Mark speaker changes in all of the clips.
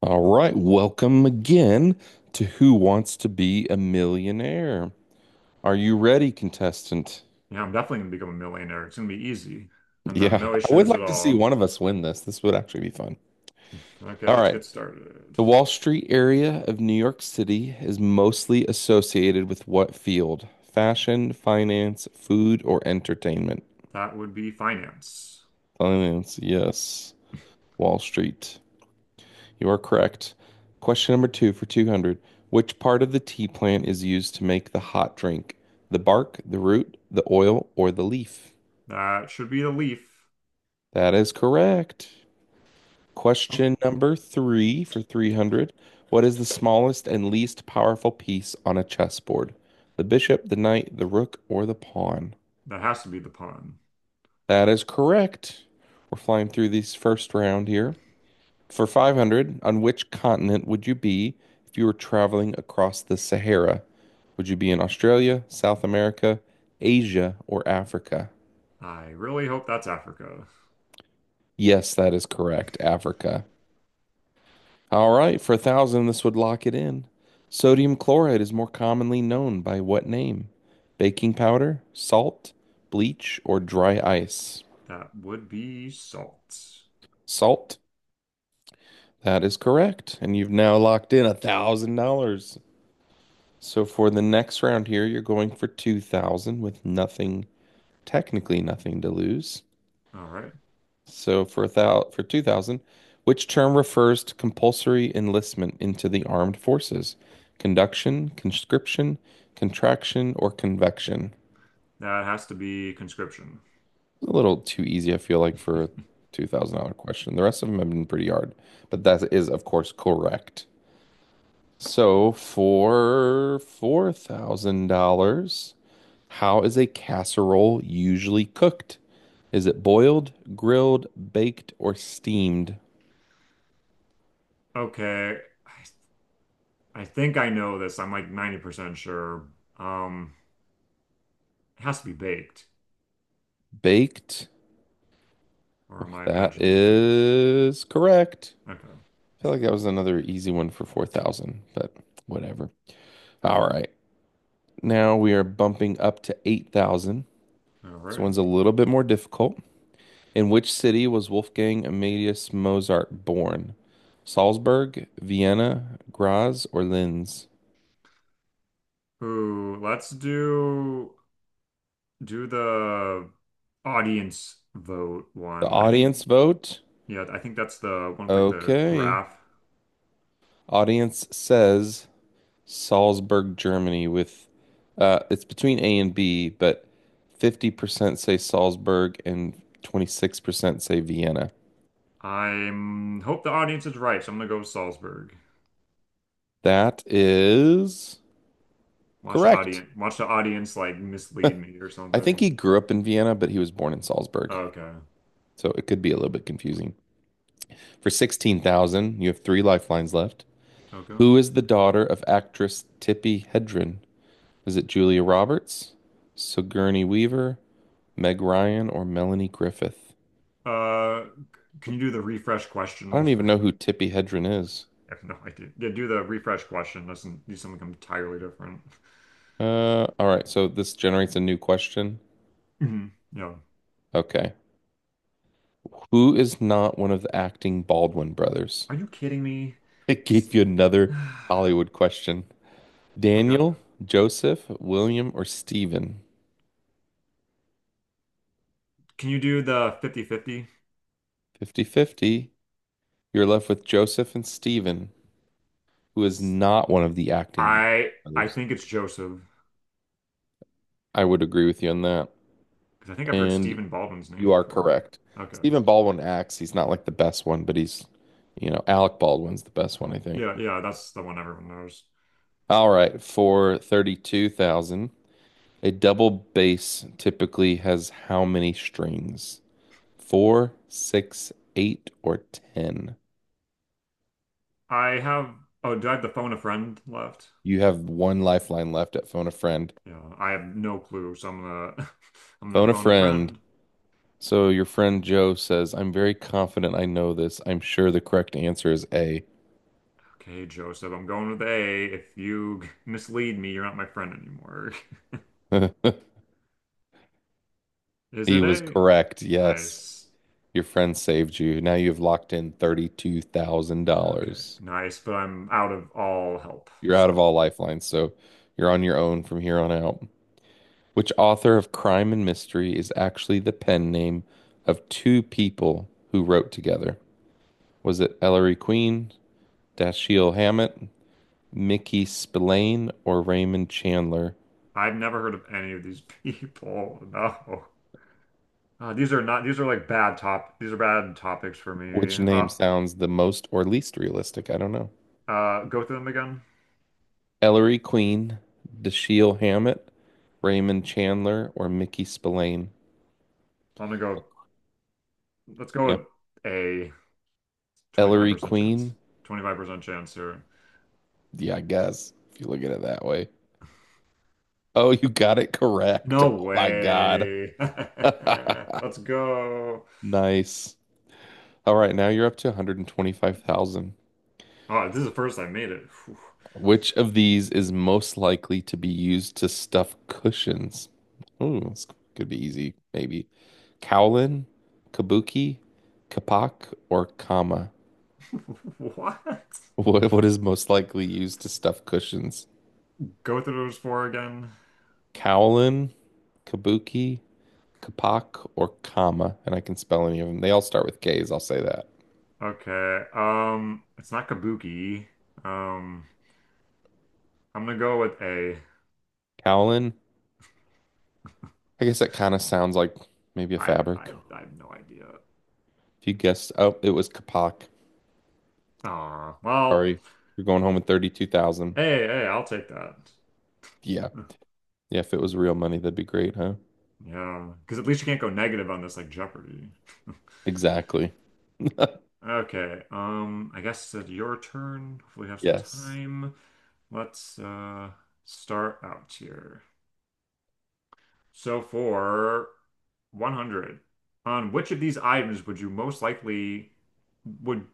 Speaker 1: All right, welcome again to Who Wants to Be a Millionaire? Are you ready, contestant?
Speaker 2: Yeah, I'm definitely gonna become a millionaire. It's gonna be easy. I'm gonna have
Speaker 1: Yeah,
Speaker 2: no
Speaker 1: I would
Speaker 2: issues at
Speaker 1: like to see one
Speaker 2: all.
Speaker 1: of us win this. This would actually be fun.
Speaker 2: Okay,
Speaker 1: All
Speaker 2: let's
Speaker 1: right.
Speaker 2: get started.
Speaker 1: The Wall Street area of New York City is mostly associated with what field? Fashion, finance, food, or entertainment?
Speaker 2: That would be finance.
Speaker 1: Finance, yes. Wall Street. You are correct. Question number two for 200. Which part of the tea plant is used to make the hot drink? The bark, the root, the oil, or the leaf?
Speaker 2: That should be the leaf.
Speaker 1: That is correct.
Speaker 2: Oh,
Speaker 1: Question number three for 300. What is the smallest and least powerful piece on a chessboard? The bishop, the knight, the rook, or the pawn?
Speaker 2: that has to be the pun.
Speaker 1: That is correct. We're flying through this first round here. For 500, on which continent would you be if you were traveling across the Sahara? Would you be in Australia, South America, Asia, or Africa?
Speaker 2: I really hope that's Africa.
Speaker 1: Yes, that is correct, Africa. All right, for 1,000, this would lock it in. Sodium chloride is more commonly known by what name? Baking powder, salt, bleach, or dry ice?
Speaker 2: That would be salt.
Speaker 1: Salt. That is correct. And you've now locked in $1,000. So for the next round here, you're going for 2,000 with nothing, technically nothing to lose.
Speaker 2: All right.
Speaker 1: So for 2,000, which term refers to compulsory enlistment into the armed forces? Conduction, conscription, contraction, or convection?
Speaker 2: That has to be conscription.
Speaker 1: A little too easy, I feel like, for a $2,000 question. The rest of them have been pretty hard, but that is, of course, correct. So for $4,000, how is a casserole usually cooked? Is it boiled, grilled, baked, or steamed?
Speaker 2: Okay. I, I think I know this. I'm like 90% sure. Um, it has to be baked,
Speaker 1: Baked.
Speaker 2: or am I
Speaker 1: That
Speaker 2: imagining things?
Speaker 1: is correct.
Speaker 2: Okay.
Speaker 1: I feel like that was another easy one for 4,000, but whatever. All right. Now we are bumping up to 8,000.
Speaker 2: All
Speaker 1: This
Speaker 2: right.
Speaker 1: one's a little bit more difficult. In which city was Wolfgang Amadeus Mozart born? Salzburg, Vienna, Graz, or Linz?
Speaker 2: Ooh, let's do the audience vote
Speaker 1: The
Speaker 2: one. I think
Speaker 1: audience vote?
Speaker 2: Yeah, I think that's the one with like the
Speaker 1: Okay.
Speaker 2: graph.
Speaker 1: Audience says Salzburg, Germany, with it's between A and B, but 50% say Salzburg and 26% say Vienna.
Speaker 2: I'm hope the audience is right, so I'm gonna go with Salzburg.
Speaker 1: That is
Speaker 2: Watch the
Speaker 1: correct.
Speaker 2: audience watch the audience like mislead me or
Speaker 1: I think he
Speaker 2: something.
Speaker 1: grew up in Vienna, but he was born in Salzburg.
Speaker 2: Okay.
Speaker 1: So it could be a little bit confusing. For 16,000, you have three lifelines left.
Speaker 2: Okay.
Speaker 1: Who is the daughter of actress Tippi Hedren? Is it Julia Roberts, Sigourney Weaver, Meg Ryan, or Melanie Griffith?
Speaker 2: Uh can you do the refresh question
Speaker 1: I don't
Speaker 2: more?
Speaker 1: even know who Tippi Hedren is.
Speaker 2: I have no idea. Yeah, do the refresh question. Doesn't do something entirely different.
Speaker 1: All right, so this generates a new question.
Speaker 2: Mhm. Yeah.
Speaker 1: Okay. Who is not one of the acting Baldwin brothers?
Speaker 2: Are you kidding me?
Speaker 1: It gave you another Hollywood question.
Speaker 2: Okay.
Speaker 1: Daniel, Joseph, William, or Stephen?
Speaker 2: Can you do the 50-50?
Speaker 1: 50/50. You're left with Joseph and Stephen. Who is not one of the acting
Speaker 2: I
Speaker 1: brothers.
Speaker 2: think it's Joseph
Speaker 1: I would agree with you on that.
Speaker 2: because I think I've heard
Speaker 1: And
Speaker 2: Stephen Baldwin's name
Speaker 1: you are
Speaker 2: before.
Speaker 1: correct.
Speaker 2: Okay.
Speaker 1: Stephen Baldwin acts. He's not like the best one, but he's, you know, Alec Baldwin's the best one, I think.
Speaker 2: Yeah, yeah, that's the one everyone knows.
Speaker 1: All right, for 32,000, a double bass typically has how many strings? Four, six, eight, or 10?
Speaker 2: I have Oh, do I have the phone a friend left?
Speaker 1: You have one lifeline left at Phone a Friend.
Speaker 2: Yeah, I have no clue, so I'm gonna I'm gonna
Speaker 1: Phone a
Speaker 2: phone a
Speaker 1: Friend.
Speaker 2: friend.
Speaker 1: So your friend Joe says, I'm very confident I know this. I'm sure the correct answer is A.
Speaker 2: Okay, Joseph, I'm going with A. If you mislead me, you're not my friend anymore. Is
Speaker 1: He
Speaker 2: it
Speaker 1: was
Speaker 2: A?
Speaker 1: correct. Yes.
Speaker 2: Nice.
Speaker 1: Your friend saved you. Now you've locked in
Speaker 2: Okay,
Speaker 1: $32,000.
Speaker 2: nice, but I'm out of all help,
Speaker 1: You're out of
Speaker 2: so
Speaker 1: all lifelines, so you're on your own from here on out. Which author of Crime and Mystery is actually the pen name of two people who wrote together? Was it Ellery Queen, Dashiell Hammett, Mickey Spillane, or Raymond Chandler?
Speaker 2: I've never heard of any of these people. No. These are not, these are bad topics for
Speaker 1: Which
Speaker 2: me.
Speaker 1: name sounds the most or least realistic? I don't know.
Speaker 2: Go through them again.
Speaker 1: Ellery Queen, Dashiell Hammett, Raymond Chandler, or Mickey Spillane?
Speaker 2: I'm gonna go, let's go
Speaker 1: Yeah.
Speaker 2: with a
Speaker 1: Ellery
Speaker 2: 25% chance.
Speaker 1: Queen?
Speaker 2: 25% chance here.
Speaker 1: Yeah, I guess if you look at it that way. Oh, you got it correct.
Speaker 2: No
Speaker 1: Oh my God.
Speaker 2: way. Let's go.
Speaker 1: Nice. All right, now you're up to 125,000.
Speaker 2: Oh, this is the first I made it.
Speaker 1: Which of these is most likely to be used to stuff cushions? Ooh, this could be easy, maybe. Kowlin, kabuki, kapak, or kama?
Speaker 2: What?
Speaker 1: What is most likely used to stuff cushions?
Speaker 2: Go through those four again.
Speaker 1: Kowlin, kabuki, kapak, or kama? And I can spell any of them. They all start with K's, I'll say that.
Speaker 2: Okay. It's not Kabuki. Um, I'm gonna go with a
Speaker 1: Kowlin, I guess that kind of sounds like maybe a
Speaker 2: I
Speaker 1: fabric.
Speaker 2: I I have no idea.
Speaker 1: If you guessed, oh, it was kapak.
Speaker 2: Oh well,
Speaker 1: Sorry, you're going home with 32,000.
Speaker 2: hey, hey, I'll take that.
Speaker 1: Yeah. Yeah, if it was real money, that'd be great, huh?
Speaker 2: Yeah, because at least you can't go negative on this like Jeopardy.
Speaker 1: Exactly.
Speaker 2: Okay, I guess it's your turn. Hopefully we have some
Speaker 1: Yes.
Speaker 2: time. Let's start out here. So for 100, on which of these items would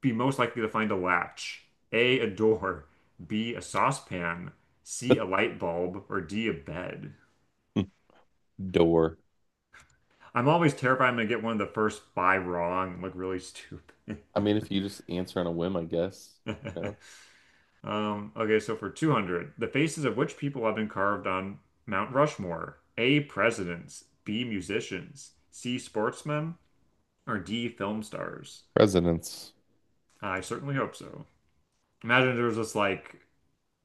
Speaker 2: be most likely to find a latch? A door, B, a saucepan, C, a light bulb, or D, a bed?
Speaker 1: Door.
Speaker 2: I'm always terrified I'm gonna get one of the first five wrong and look really stupid.
Speaker 1: I mean, if you just answer on a whim, I guess. You know,
Speaker 2: Okay, so for 200, the faces of which people have been carved on Mount Rushmore? A, presidents, B, musicians, C, sportsmen, or D, film stars?
Speaker 1: residence.
Speaker 2: I certainly hope so. Imagine there was just like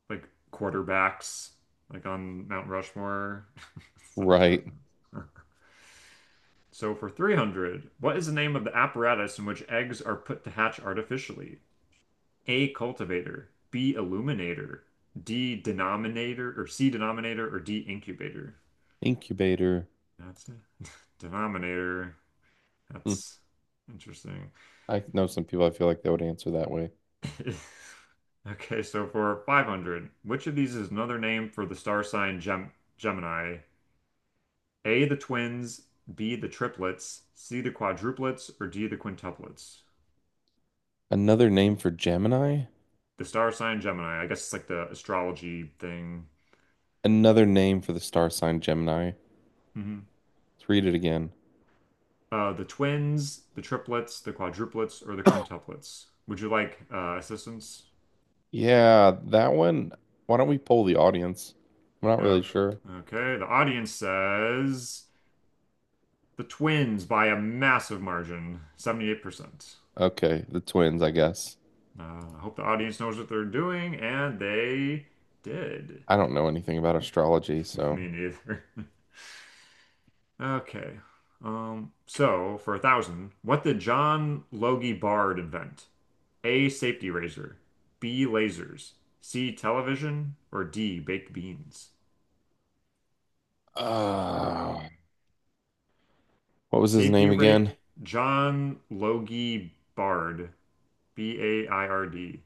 Speaker 2: like quarterbacks like on Mount Rushmore. Son of
Speaker 1: Right.
Speaker 2: presidents. So for 300, what is the name of the apparatus in which eggs are put to hatch artificially? A cultivator, B illuminator, D denominator or C denominator or D incubator.
Speaker 1: Incubator.
Speaker 2: That's a denominator.
Speaker 1: Hmm.
Speaker 2: That's interesting.
Speaker 1: I know some people I feel like they would answer that way.
Speaker 2: Okay, so for 500, which of these is another name for the star sign Gemini? A, the twins, B, the triplets, C, the quadruplets, or D, the quintuplets?
Speaker 1: Another name for Gemini?
Speaker 2: The star sign Gemini. I guess it's like the astrology thing.
Speaker 1: Another name for the star sign Gemini.
Speaker 2: hmm
Speaker 1: Let's read it again.
Speaker 2: The twins, the triplets, the quadruplets, or the quintuplets? Would you like assistance?
Speaker 1: Yeah, that one. Why don't we poll the audience? I'm not really
Speaker 2: Okay.
Speaker 1: sure.
Speaker 2: Okay, the audience says the twins by a massive margin, 78%.
Speaker 1: Okay, the twins, I guess.
Speaker 2: I hope the audience knows what they're doing, and they did.
Speaker 1: I don't know anything about astrology, so.
Speaker 2: Me neither. Okay. So for a thousand, what did John Logie Bard invent? A safety razor, B lasers, C television, or D baked beans?
Speaker 1: Uh, what was his
Speaker 2: Safety
Speaker 1: name
Speaker 2: rate
Speaker 1: again?
Speaker 2: John Logie Bard, Baird.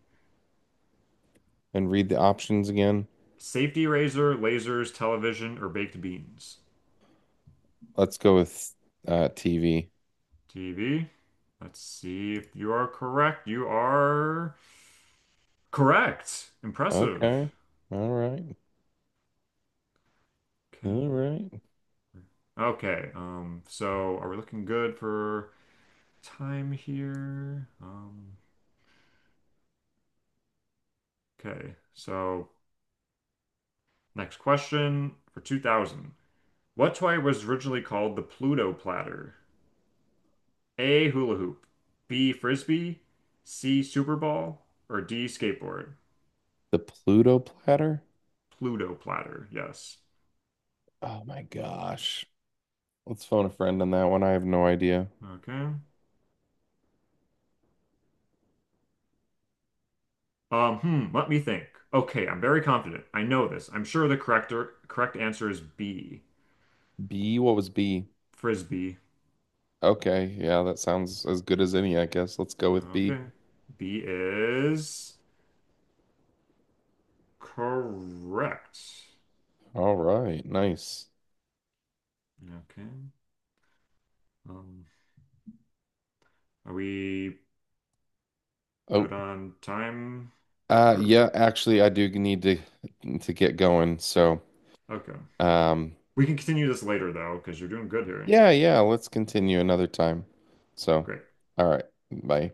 Speaker 1: And read the options again.
Speaker 2: Safety razor, lasers, television, or baked beans?
Speaker 1: Let's go with TV.
Speaker 2: TV. Let's see if you are correct. You are correct. Impressive.
Speaker 1: Okay. All right.
Speaker 2: Okay.
Speaker 1: All right.
Speaker 2: Okay. So are we looking good for time here? Okay. So next question for 2000. What toy was originally called the Pluto Platter? A hula hoop, B frisbee, C super ball, or D skateboard?
Speaker 1: The Pluto platter.
Speaker 2: Pluto Platter. Yes.
Speaker 1: Oh my gosh. Let's phone a friend on that one. I have no idea.
Speaker 2: Okay. Let me think. Okay, I'm very confident. I know this. I'm sure the correct answer is B.
Speaker 1: B, what was B?
Speaker 2: Frisbee.
Speaker 1: Okay. Yeah, that sounds as good as any, I guess. Let's go with B.
Speaker 2: Okay. B is correct.
Speaker 1: All right. Nice.
Speaker 2: Okay. Um, are we
Speaker 1: Oh,
Speaker 2: good on time or
Speaker 1: yeah, actually, I do need to get going. So,
Speaker 2: okay.
Speaker 1: um,
Speaker 2: We can continue this later though, because you're doing good here.
Speaker 1: yeah, yeah, let's continue another time. So,
Speaker 2: Great.
Speaker 1: all right. Bye.